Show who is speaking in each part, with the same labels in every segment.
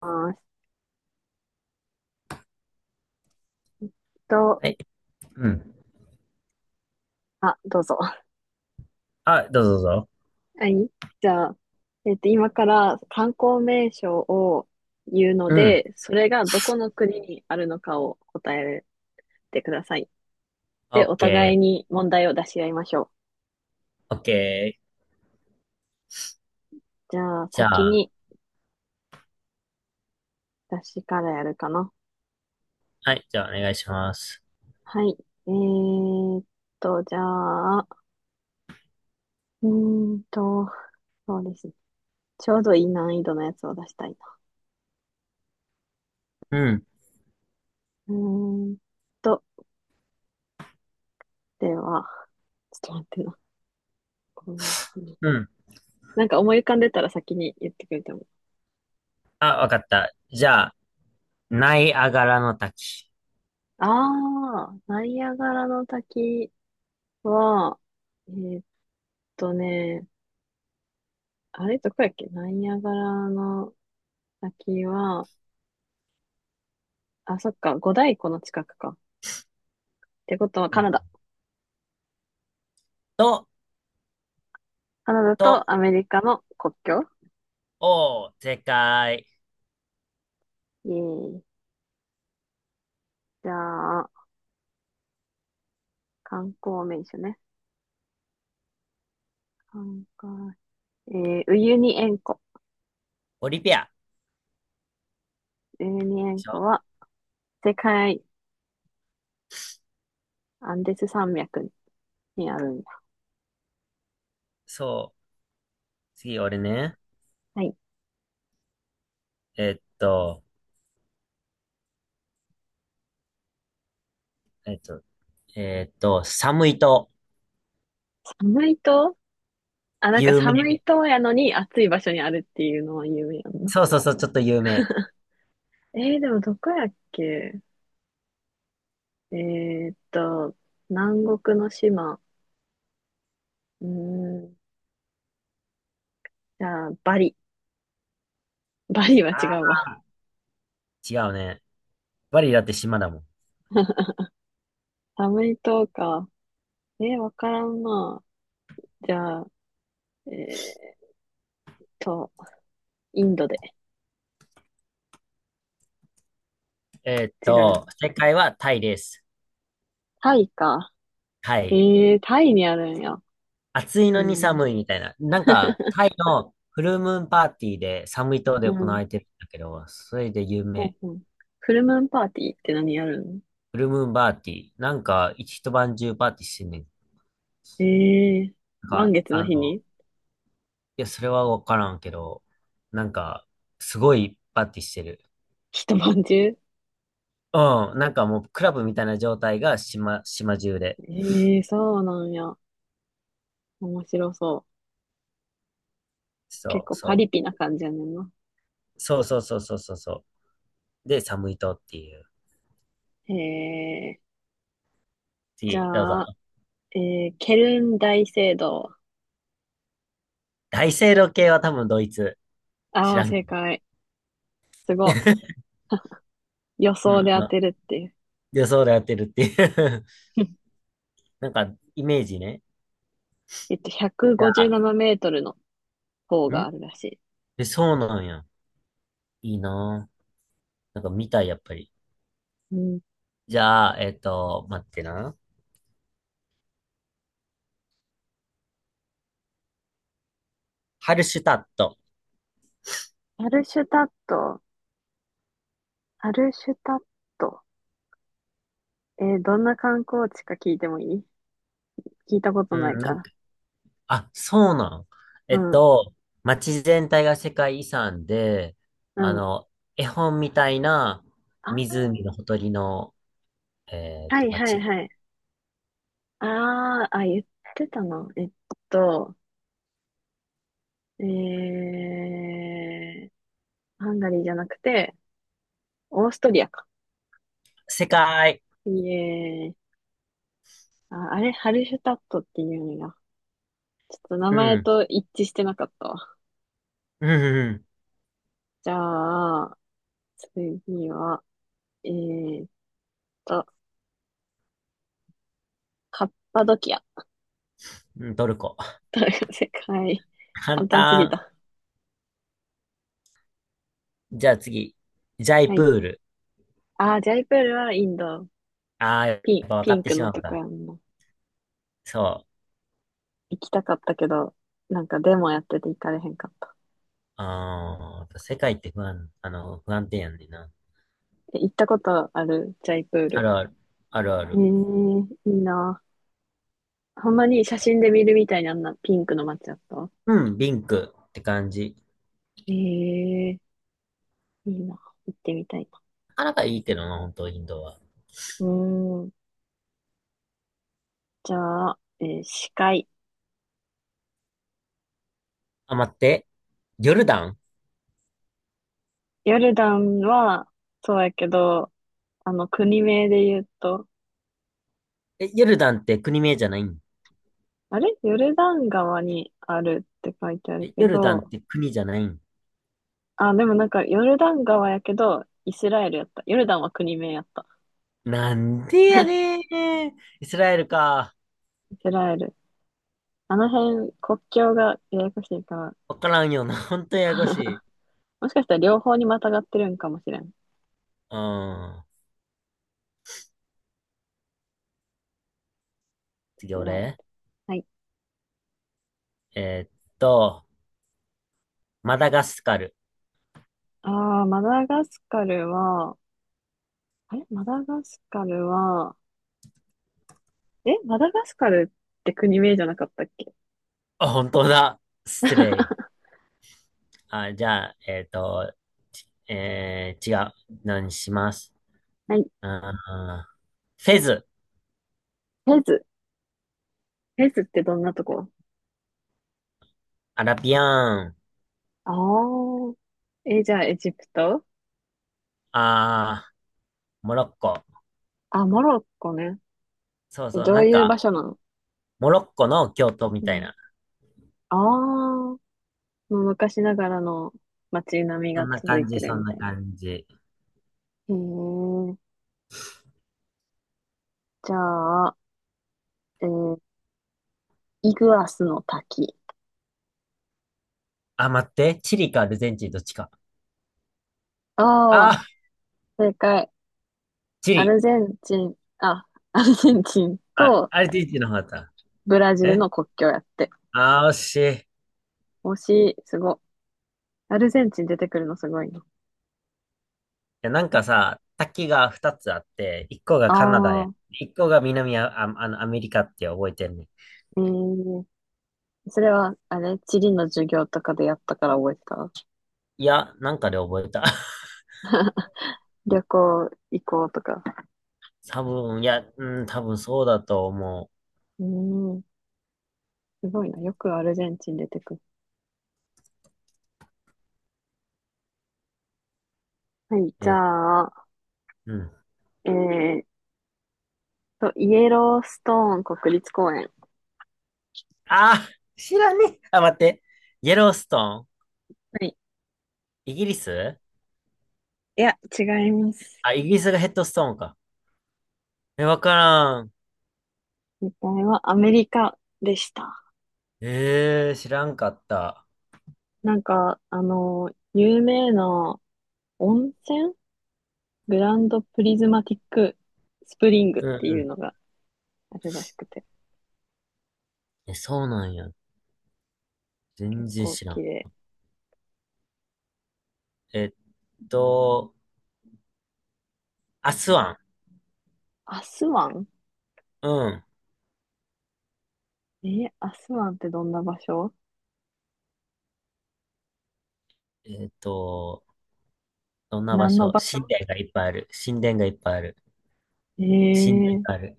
Speaker 1: ます。と、
Speaker 2: はい。うん。
Speaker 1: あ、どうぞ。
Speaker 2: あ、どうぞどうぞ。
Speaker 1: はい。じゃあ、今から観光名所を言うの
Speaker 2: うん。
Speaker 1: で、それがどこの国にあるのかを答えてください。
Speaker 2: オ
Speaker 1: で、
Speaker 2: ッ
Speaker 1: お互い
Speaker 2: ケ
Speaker 1: に問題を出し合いましょう。
Speaker 2: ー、オッケー。
Speaker 1: じゃあ、
Speaker 2: じゃ
Speaker 1: 先
Speaker 2: あ、
Speaker 1: に私からやるかな。
Speaker 2: はい、じゃあお願いします。
Speaker 1: はい。えーっじゃあ、うーんと、そうですね。ちょうどいい難易度のやつを出したいな。
Speaker 2: うん。
Speaker 1: うーんと、では、ちょっと待ってな。こう
Speaker 2: うん。
Speaker 1: なんか思い浮かんでたら先に言ってくれても。
Speaker 2: あ、わかった。じゃあ、ナイアガラの滝。
Speaker 1: ああ、ナイアガラの滝は、えーっとね、あれどこやっけ、ナイアガラの滝は、あ、そっか、五大湖の近くか。ってことは
Speaker 2: う
Speaker 1: カ
Speaker 2: ん。
Speaker 1: ナダ。
Speaker 2: と、
Speaker 1: カナダと
Speaker 2: と、
Speaker 1: アメリカの国境。
Speaker 2: おー、正解。
Speaker 1: えー、じゃあ、観光名所ね。観光、えウユニ塩湖。
Speaker 2: オリピア。で
Speaker 1: ウユニ塩
Speaker 2: し
Speaker 1: 湖
Speaker 2: ょ
Speaker 1: は世界、アンデス山脈にあるんだ。
Speaker 2: そう。次、俺ね。
Speaker 1: はい。
Speaker 2: えっと、えっと、寒いと、
Speaker 1: 寒いと、あ、なんか
Speaker 2: 有名。
Speaker 1: 寒いとやのに暑い場所にあるっていうのは有名やんな。
Speaker 2: そうそうそう、ちょっと有名。
Speaker 1: でもどこやっけ。えーっと、南国の島。うーん、じゃあ、バリ。バリは違う
Speaker 2: あ
Speaker 1: わ。
Speaker 2: ー、違うね。バリだって島だもん。
Speaker 1: 寒い島か。わからんな。じゃあ、えーっと、インドで。違う。
Speaker 2: 正解はタイです。
Speaker 1: タイか。
Speaker 2: はい。
Speaker 1: えタイにあるんや。
Speaker 2: 暑い
Speaker 1: え
Speaker 2: のに
Speaker 1: ー、
Speaker 2: 寒いみたいな。なんか、タイのフルムーンパーティーで寒い島
Speaker 1: う
Speaker 2: で行わ
Speaker 1: ん、
Speaker 2: れてるんだけど、それで有
Speaker 1: ほ
Speaker 2: 名。
Speaker 1: んほん。フルムーンパーティーって何やるの？
Speaker 2: フルムーンパーティー。なんか、一晩中パーティーしてんねん。
Speaker 1: えー、
Speaker 2: なん
Speaker 1: 満
Speaker 2: か、
Speaker 1: 月の日に
Speaker 2: いや、それはわからんけど、なんか、すごいパーティーしてる。
Speaker 1: 一晩中？
Speaker 2: うん、なんかもう、クラブみたいな状態が島中で。
Speaker 1: ええ、そうなんや。面白そう。結
Speaker 2: そう、
Speaker 1: 構パ
Speaker 2: そ
Speaker 1: リピな感じやねんな。
Speaker 2: う。そうそうそうそうそうそう。で、寒い島っていう。
Speaker 1: へえ。じ
Speaker 2: 次、どうぞ。
Speaker 1: ゃあ、えケルン大聖堂。
Speaker 2: 大聖堂系は多分ドイツ。知
Speaker 1: ああ、
Speaker 2: らんけ
Speaker 1: 正
Speaker 2: ど。
Speaker 1: 解。すご い。予
Speaker 2: うん、
Speaker 1: 想で当てるっていう。
Speaker 2: 予想で当てるっていう。 なんか、イメージね。
Speaker 1: 157
Speaker 2: じゃ
Speaker 1: メー
Speaker 2: あ、
Speaker 1: トルの方があ
Speaker 2: ん
Speaker 1: るらし
Speaker 2: え、そうなんや。いいなぁ。なんか見たい、やっぱり。
Speaker 1: い。うん。
Speaker 2: じゃあ、待ってな。ハルシュタット。
Speaker 1: アルシュタット。アルシュタット。どんな観光地か聞いてもいい？聞いたこと
Speaker 2: う
Speaker 1: な
Speaker 2: ん、
Speaker 1: いか
Speaker 2: なん
Speaker 1: ら。
Speaker 2: か、あ、そうなん。え
Speaker 1: う
Speaker 2: っ
Speaker 1: ん、
Speaker 2: と、街全体が世界遺産で、
Speaker 1: う
Speaker 2: あ
Speaker 1: ん。
Speaker 2: の、絵本みたいな湖の
Speaker 1: あ
Speaker 2: ほとりの、
Speaker 1: あ、はいはい
Speaker 2: 街。
Speaker 1: はい。ああ、あ、言ってたな。と、えー、ハンガリーじゃなくて、オーストリアか。
Speaker 2: 世界。
Speaker 1: いえー、あ、あれ、ハルシュタットっていうんだ。ちょっと名
Speaker 2: うん、
Speaker 1: 前
Speaker 2: うん、
Speaker 1: と一致してなかったわ。
Speaker 2: うん、うん、
Speaker 1: じゃあ、次は、えーっと、カッパドキア。
Speaker 2: うん、トルコ。
Speaker 1: 世界。
Speaker 2: 簡
Speaker 1: 簡単すぎ
Speaker 2: 単。
Speaker 1: た。
Speaker 2: じゃあ次。ジャイ
Speaker 1: は
Speaker 2: プ
Speaker 1: い。
Speaker 2: ール。
Speaker 1: あー、ジャイプールはインド。
Speaker 2: ああ、やっぱ分か
Speaker 1: ピ
Speaker 2: っ
Speaker 1: ン
Speaker 2: て
Speaker 1: ク
Speaker 2: し
Speaker 1: の
Speaker 2: まう
Speaker 1: とこ
Speaker 2: か。
Speaker 1: やんな。
Speaker 2: そ
Speaker 1: 行きたかったけど、なんかデモやってて行かれへんかった。
Speaker 2: う。ああ、やっぱ世界って不安定やんねんな。
Speaker 1: え、行ったことあるジャイプー
Speaker 2: あ
Speaker 1: ル？
Speaker 2: るある。あるあ
Speaker 1: えー、
Speaker 2: る。
Speaker 1: いいなぁ。ほんまに写真で見るみたいにあんなピンクの街だった？
Speaker 2: うん、リンクって感じ。
Speaker 1: ええ、いいな。行ってみたいな。
Speaker 2: あなたいいけどな、本当インドは。
Speaker 1: うーん。じゃあ、司会。
Speaker 2: あ、待って。ヨルダン。
Speaker 1: ヨルダンは、そうやけど、国名で言うと、
Speaker 2: え、ヨルダンって国名じゃないん？
Speaker 1: あれヨルダン川にあるって書いてある
Speaker 2: え、
Speaker 1: け
Speaker 2: ヨルダン
Speaker 1: ど、
Speaker 2: って国じゃないん？
Speaker 1: あ、でもなんか、ヨルダン川やけど、イスラエルやった。ヨルダンは国名やった。
Speaker 2: なんでやねー。イスラエルか。
Speaker 1: イスラエル。あの辺、国境がややこしいから、
Speaker 2: わからんよな。本当ややこしい。
Speaker 1: もしかしたら両方にまたがってるんかもしれん。イ
Speaker 2: うん。次
Speaker 1: スラエル。
Speaker 2: 俺。
Speaker 1: はい。
Speaker 2: えーっと、マダガスカル。
Speaker 1: ああ、マダガスカルは、あれマダガスカルは、マダガスカルって国名じゃなかったっけ？
Speaker 2: あ、本当だ。失礼。あ、じゃあ、えっと、ちえー、違う。何します。
Speaker 1: はい。
Speaker 2: うん。フェズ、
Speaker 1: フェズ。フェズってどんなとこ？
Speaker 2: アラビアーン、
Speaker 1: ああー。え、じゃあエジプト？
Speaker 2: あー、モロッコ。
Speaker 1: あ、モロッコね。
Speaker 2: そうそう、
Speaker 1: ど
Speaker 2: な
Speaker 1: う
Speaker 2: ん
Speaker 1: いう場
Speaker 2: か、
Speaker 1: 所なの？
Speaker 2: モロッコの京都み
Speaker 1: う
Speaker 2: たい
Speaker 1: ん。
Speaker 2: な。
Speaker 1: ああ、もう昔ながらの街並み
Speaker 2: そ
Speaker 1: が
Speaker 2: んな
Speaker 1: 続い
Speaker 2: 感じ、
Speaker 1: てる
Speaker 2: そん
Speaker 1: み
Speaker 2: な
Speaker 1: たいな。
Speaker 2: 感じ。
Speaker 1: へえ、じゃあ、えーイグアスの滝。
Speaker 2: あ、待って、チリかアルゼンチンどっちか。あ
Speaker 1: ああ、
Speaker 2: ー、
Speaker 1: 正解。
Speaker 2: チ
Speaker 1: ア
Speaker 2: リ。
Speaker 1: ルゼンチン、あ、アルゼンチン
Speaker 2: あ、
Speaker 1: と
Speaker 2: アルゼンチンの方だった。
Speaker 1: ブラジル
Speaker 2: え
Speaker 1: の国境やって。
Speaker 2: あー、惜しい。い
Speaker 1: 推し、すご。アルゼンチン出てくるのすごいな。
Speaker 2: や、なんかさ、滝が2つあって、1個が
Speaker 1: あ
Speaker 2: カナダへ、
Speaker 1: あ、
Speaker 2: 1個が南ア、あ、あの、アメリカって覚えてんね。
Speaker 1: ええ、それは、地理の授業とかでやったから覚えてた？
Speaker 2: いや、なんかで覚えた。
Speaker 1: 旅行行こうとか。
Speaker 2: 多分、いや、うん、多分そうだと思
Speaker 1: うーん、すごいな。よくアルゼンチン出てくる。はい、
Speaker 2: う。
Speaker 1: じ
Speaker 2: え、
Speaker 1: ゃあ、
Speaker 2: うん。
Speaker 1: えーイエローストーン国立公園。
Speaker 2: あー、知らねえ。あ、待って。イエローストーン、
Speaker 1: はい。
Speaker 2: イギリス。
Speaker 1: いや、違います。
Speaker 2: あ、イギリスがヘッドストーンか。え、わからん。
Speaker 1: 実際はアメリカでした。
Speaker 2: えー、知らんかった。
Speaker 1: なんか、有名な温泉、グランドプリズマティックスプリングっ
Speaker 2: うん
Speaker 1: ていう
Speaker 2: う
Speaker 1: のがあるらしくて、
Speaker 2: ん。え、そうなんや。全
Speaker 1: 結
Speaker 2: 然
Speaker 1: 構
Speaker 2: 知ら
Speaker 1: 綺
Speaker 2: ん。
Speaker 1: 麗。
Speaker 2: えっと、アスワン。
Speaker 1: アスワン？
Speaker 2: うん。
Speaker 1: アスワンってどんな場所？
Speaker 2: えっと、どんな場
Speaker 1: 何の
Speaker 2: 所、
Speaker 1: 場
Speaker 2: 神
Speaker 1: 所？
Speaker 2: 殿がいっぱいある。神殿がいっぱいある。
Speaker 1: え
Speaker 2: 神殿
Speaker 1: ー、
Speaker 2: がある。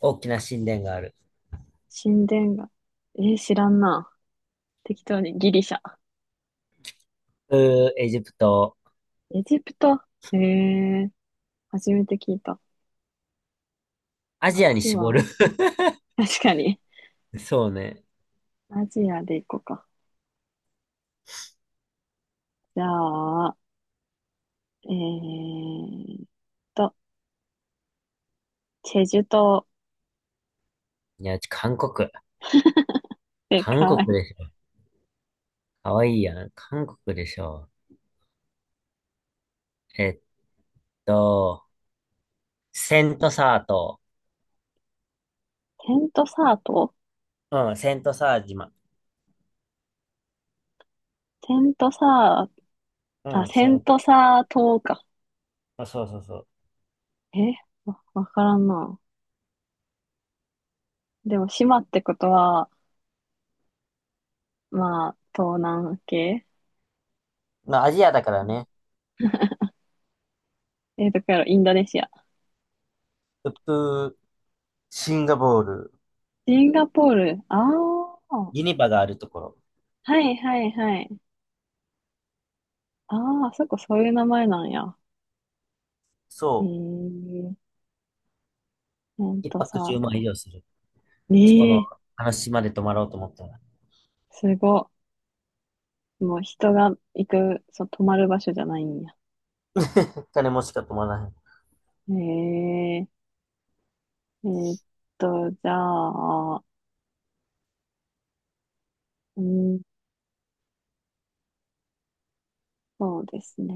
Speaker 2: 大きな神殿がある。
Speaker 1: 神殿が。知らんな。適当にギリシャ。
Speaker 2: エジプト。
Speaker 1: エジプト？えー、初めて聞いた。
Speaker 2: ア
Speaker 1: ア
Speaker 2: ジアに
Speaker 1: スワ
Speaker 2: 絞
Speaker 1: ン。
Speaker 2: る。
Speaker 1: 確かに。
Speaker 2: そうね。
Speaker 1: アジアで行こうか。じゃあ、えーっと、チェジュ島。
Speaker 2: いや、うち韓国。
Speaker 1: で
Speaker 2: 韓
Speaker 1: か
Speaker 2: 国
Speaker 1: い。
Speaker 2: でしょ。かわいいやん。韓国でしょ。えっと、セントサー島。
Speaker 1: テントサート。
Speaker 2: うん、セントサー島。
Speaker 1: テントサー、あ、
Speaker 2: うん、
Speaker 1: セ
Speaker 2: セ
Speaker 1: ン
Speaker 2: ン、
Speaker 1: トサー島か。
Speaker 2: あ、そうそうそ
Speaker 1: えわ、わからんな。でも、島ってことは、まあ、東南系。
Speaker 2: う。まあ、アジアだから
Speaker 1: うん。
Speaker 2: ね。
Speaker 1: どこやろ、インドネシア。
Speaker 2: ウプ、シンガポール、
Speaker 1: シンガポール。ああ、は
Speaker 2: ユニバがあるところ。
Speaker 1: いはいはい。ああ、あそこそういう名前なんや。え
Speaker 2: そ
Speaker 1: ー、セン
Speaker 2: う。一
Speaker 1: トサ
Speaker 2: 泊
Speaker 1: ー
Speaker 2: 10万以
Speaker 1: 島。
Speaker 2: 上する。あそこの
Speaker 1: ええ、
Speaker 2: 話島で泊まろうと思ったら。
Speaker 1: すごっ。もう人が行く、そう、泊まる場所じゃないんや。
Speaker 2: どっかでもしか泊まらない。
Speaker 1: ええ。えーっじゃあ、うん、そうですね。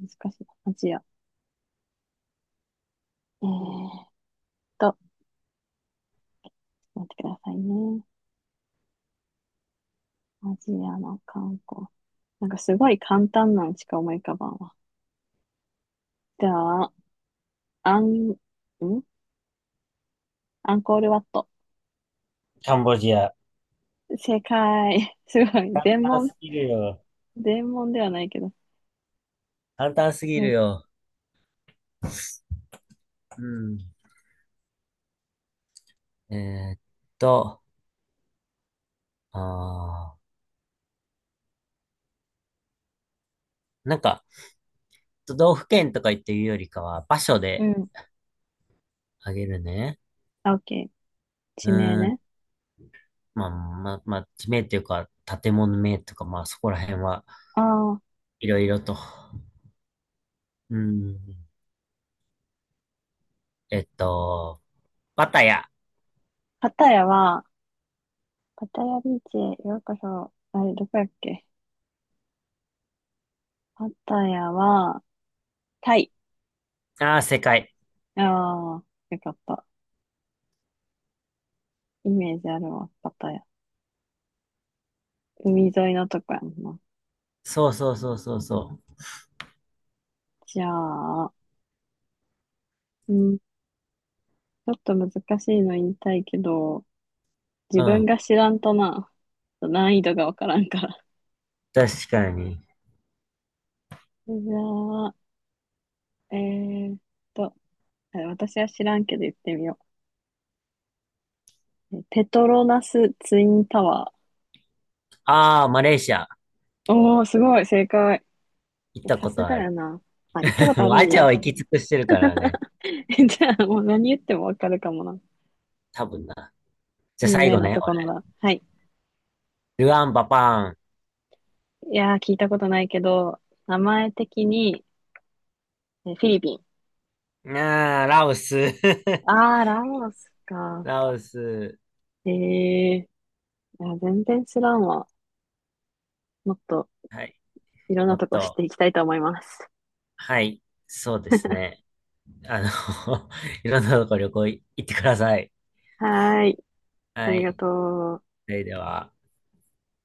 Speaker 1: 難しいな、アジア。えーっちょっと待ってくださいね。アジアの観光。なんかすごい簡単なのしか思い浮かばんわ。じゃあ、アン、んアンコールワット。
Speaker 2: カンボジア。
Speaker 1: 正解。すごい。
Speaker 2: 簡
Speaker 1: 全
Speaker 2: 単
Speaker 1: 問、
Speaker 2: すぎるよ。
Speaker 1: 全問ではないけど。
Speaker 2: 簡単すぎる
Speaker 1: せ
Speaker 2: よ。うん。えーっと、あなんか、都道府県とか言って言うよりかは、場所
Speaker 1: う
Speaker 2: で
Speaker 1: ん。
Speaker 2: あげるね。
Speaker 1: あ、オッケー。
Speaker 2: う
Speaker 1: 地名
Speaker 2: ーん、
Speaker 1: ね。
Speaker 2: まあ、まあ、まあ、地名というか、建物名とか、まあ、そこら辺は
Speaker 1: ああ、
Speaker 2: いろいろと。うん、えっと、パタヤ。
Speaker 1: パタヤは、パタヤビーチへようこそ。あれ、どこやっけ。パタヤは、タイ。
Speaker 2: ああ、世界。
Speaker 1: ああ、よかった。イメージあるわ、パタヤ。海沿いのとこやんな。
Speaker 2: そうそうそうそうそ
Speaker 1: じゃあ、うん、ちょっと難しいの言いたいけど、
Speaker 2: う。
Speaker 1: 自
Speaker 2: う
Speaker 1: 分
Speaker 2: ん、
Speaker 1: が知らんとな、難易度がわからんから。
Speaker 2: 確かに。
Speaker 1: じゃあ、えーっと、私は知らんけど言ってみよう。ペトロナスツインタワ
Speaker 2: ああ、マレーシア。
Speaker 1: ー。おー、すごい、正解。
Speaker 2: 行っ
Speaker 1: いや
Speaker 2: た
Speaker 1: さ
Speaker 2: こ
Speaker 1: す
Speaker 2: と
Speaker 1: が
Speaker 2: あ
Speaker 1: や
Speaker 2: る。
Speaker 1: な。あ、行ったこ と
Speaker 2: も
Speaker 1: あ
Speaker 2: う
Speaker 1: る
Speaker 2: ア
Speaker 1: ん
Speaker 2: ジア
Speaker 1: や。
Speaker 2: は行き尽くしてるからね。
Speaker 1: じゃあ、もう何言ってもわかるかもな。
Speaker 2: 多分な。じゃあ
Speaker 1: 有
Speaker 2: 最
Speaker 1: 名
Speaker 2: 後
Speaker 1: な
Speaker 2: ね、
Speaker 1: とこな
Speaker 2: 俺。
Speaker 1: ら。はい。
Speaker 2: ルアンバパ
Speaker 1: いやー、聞いたことないけど、名前的に、フィリピン。
Speaker 2: ーン。ああ、ラオス。
Speaker 1: あー、ラオスか。
Speaker 2: ラオス。
Speaker 1: えー、いや、全然知らんわ。もっと
Speaker 2: はい。
Speaker 1: いろん
Speaker 2: も
Speaker 1: な
Speaker 2: っ
Speaker 1: とこ知っ
Speaker 2: と。
Speaker 1: ていきたいと思います。
Speaker 2: はい、そうですね。あの、いろんなとこ旅行い行ってください。
Speaker 1: はーい。あ
Speaker 2: は
Speaker 1: りが
Speaker 2: い。
Speaker 1: とう。
Speaker 2: それでは。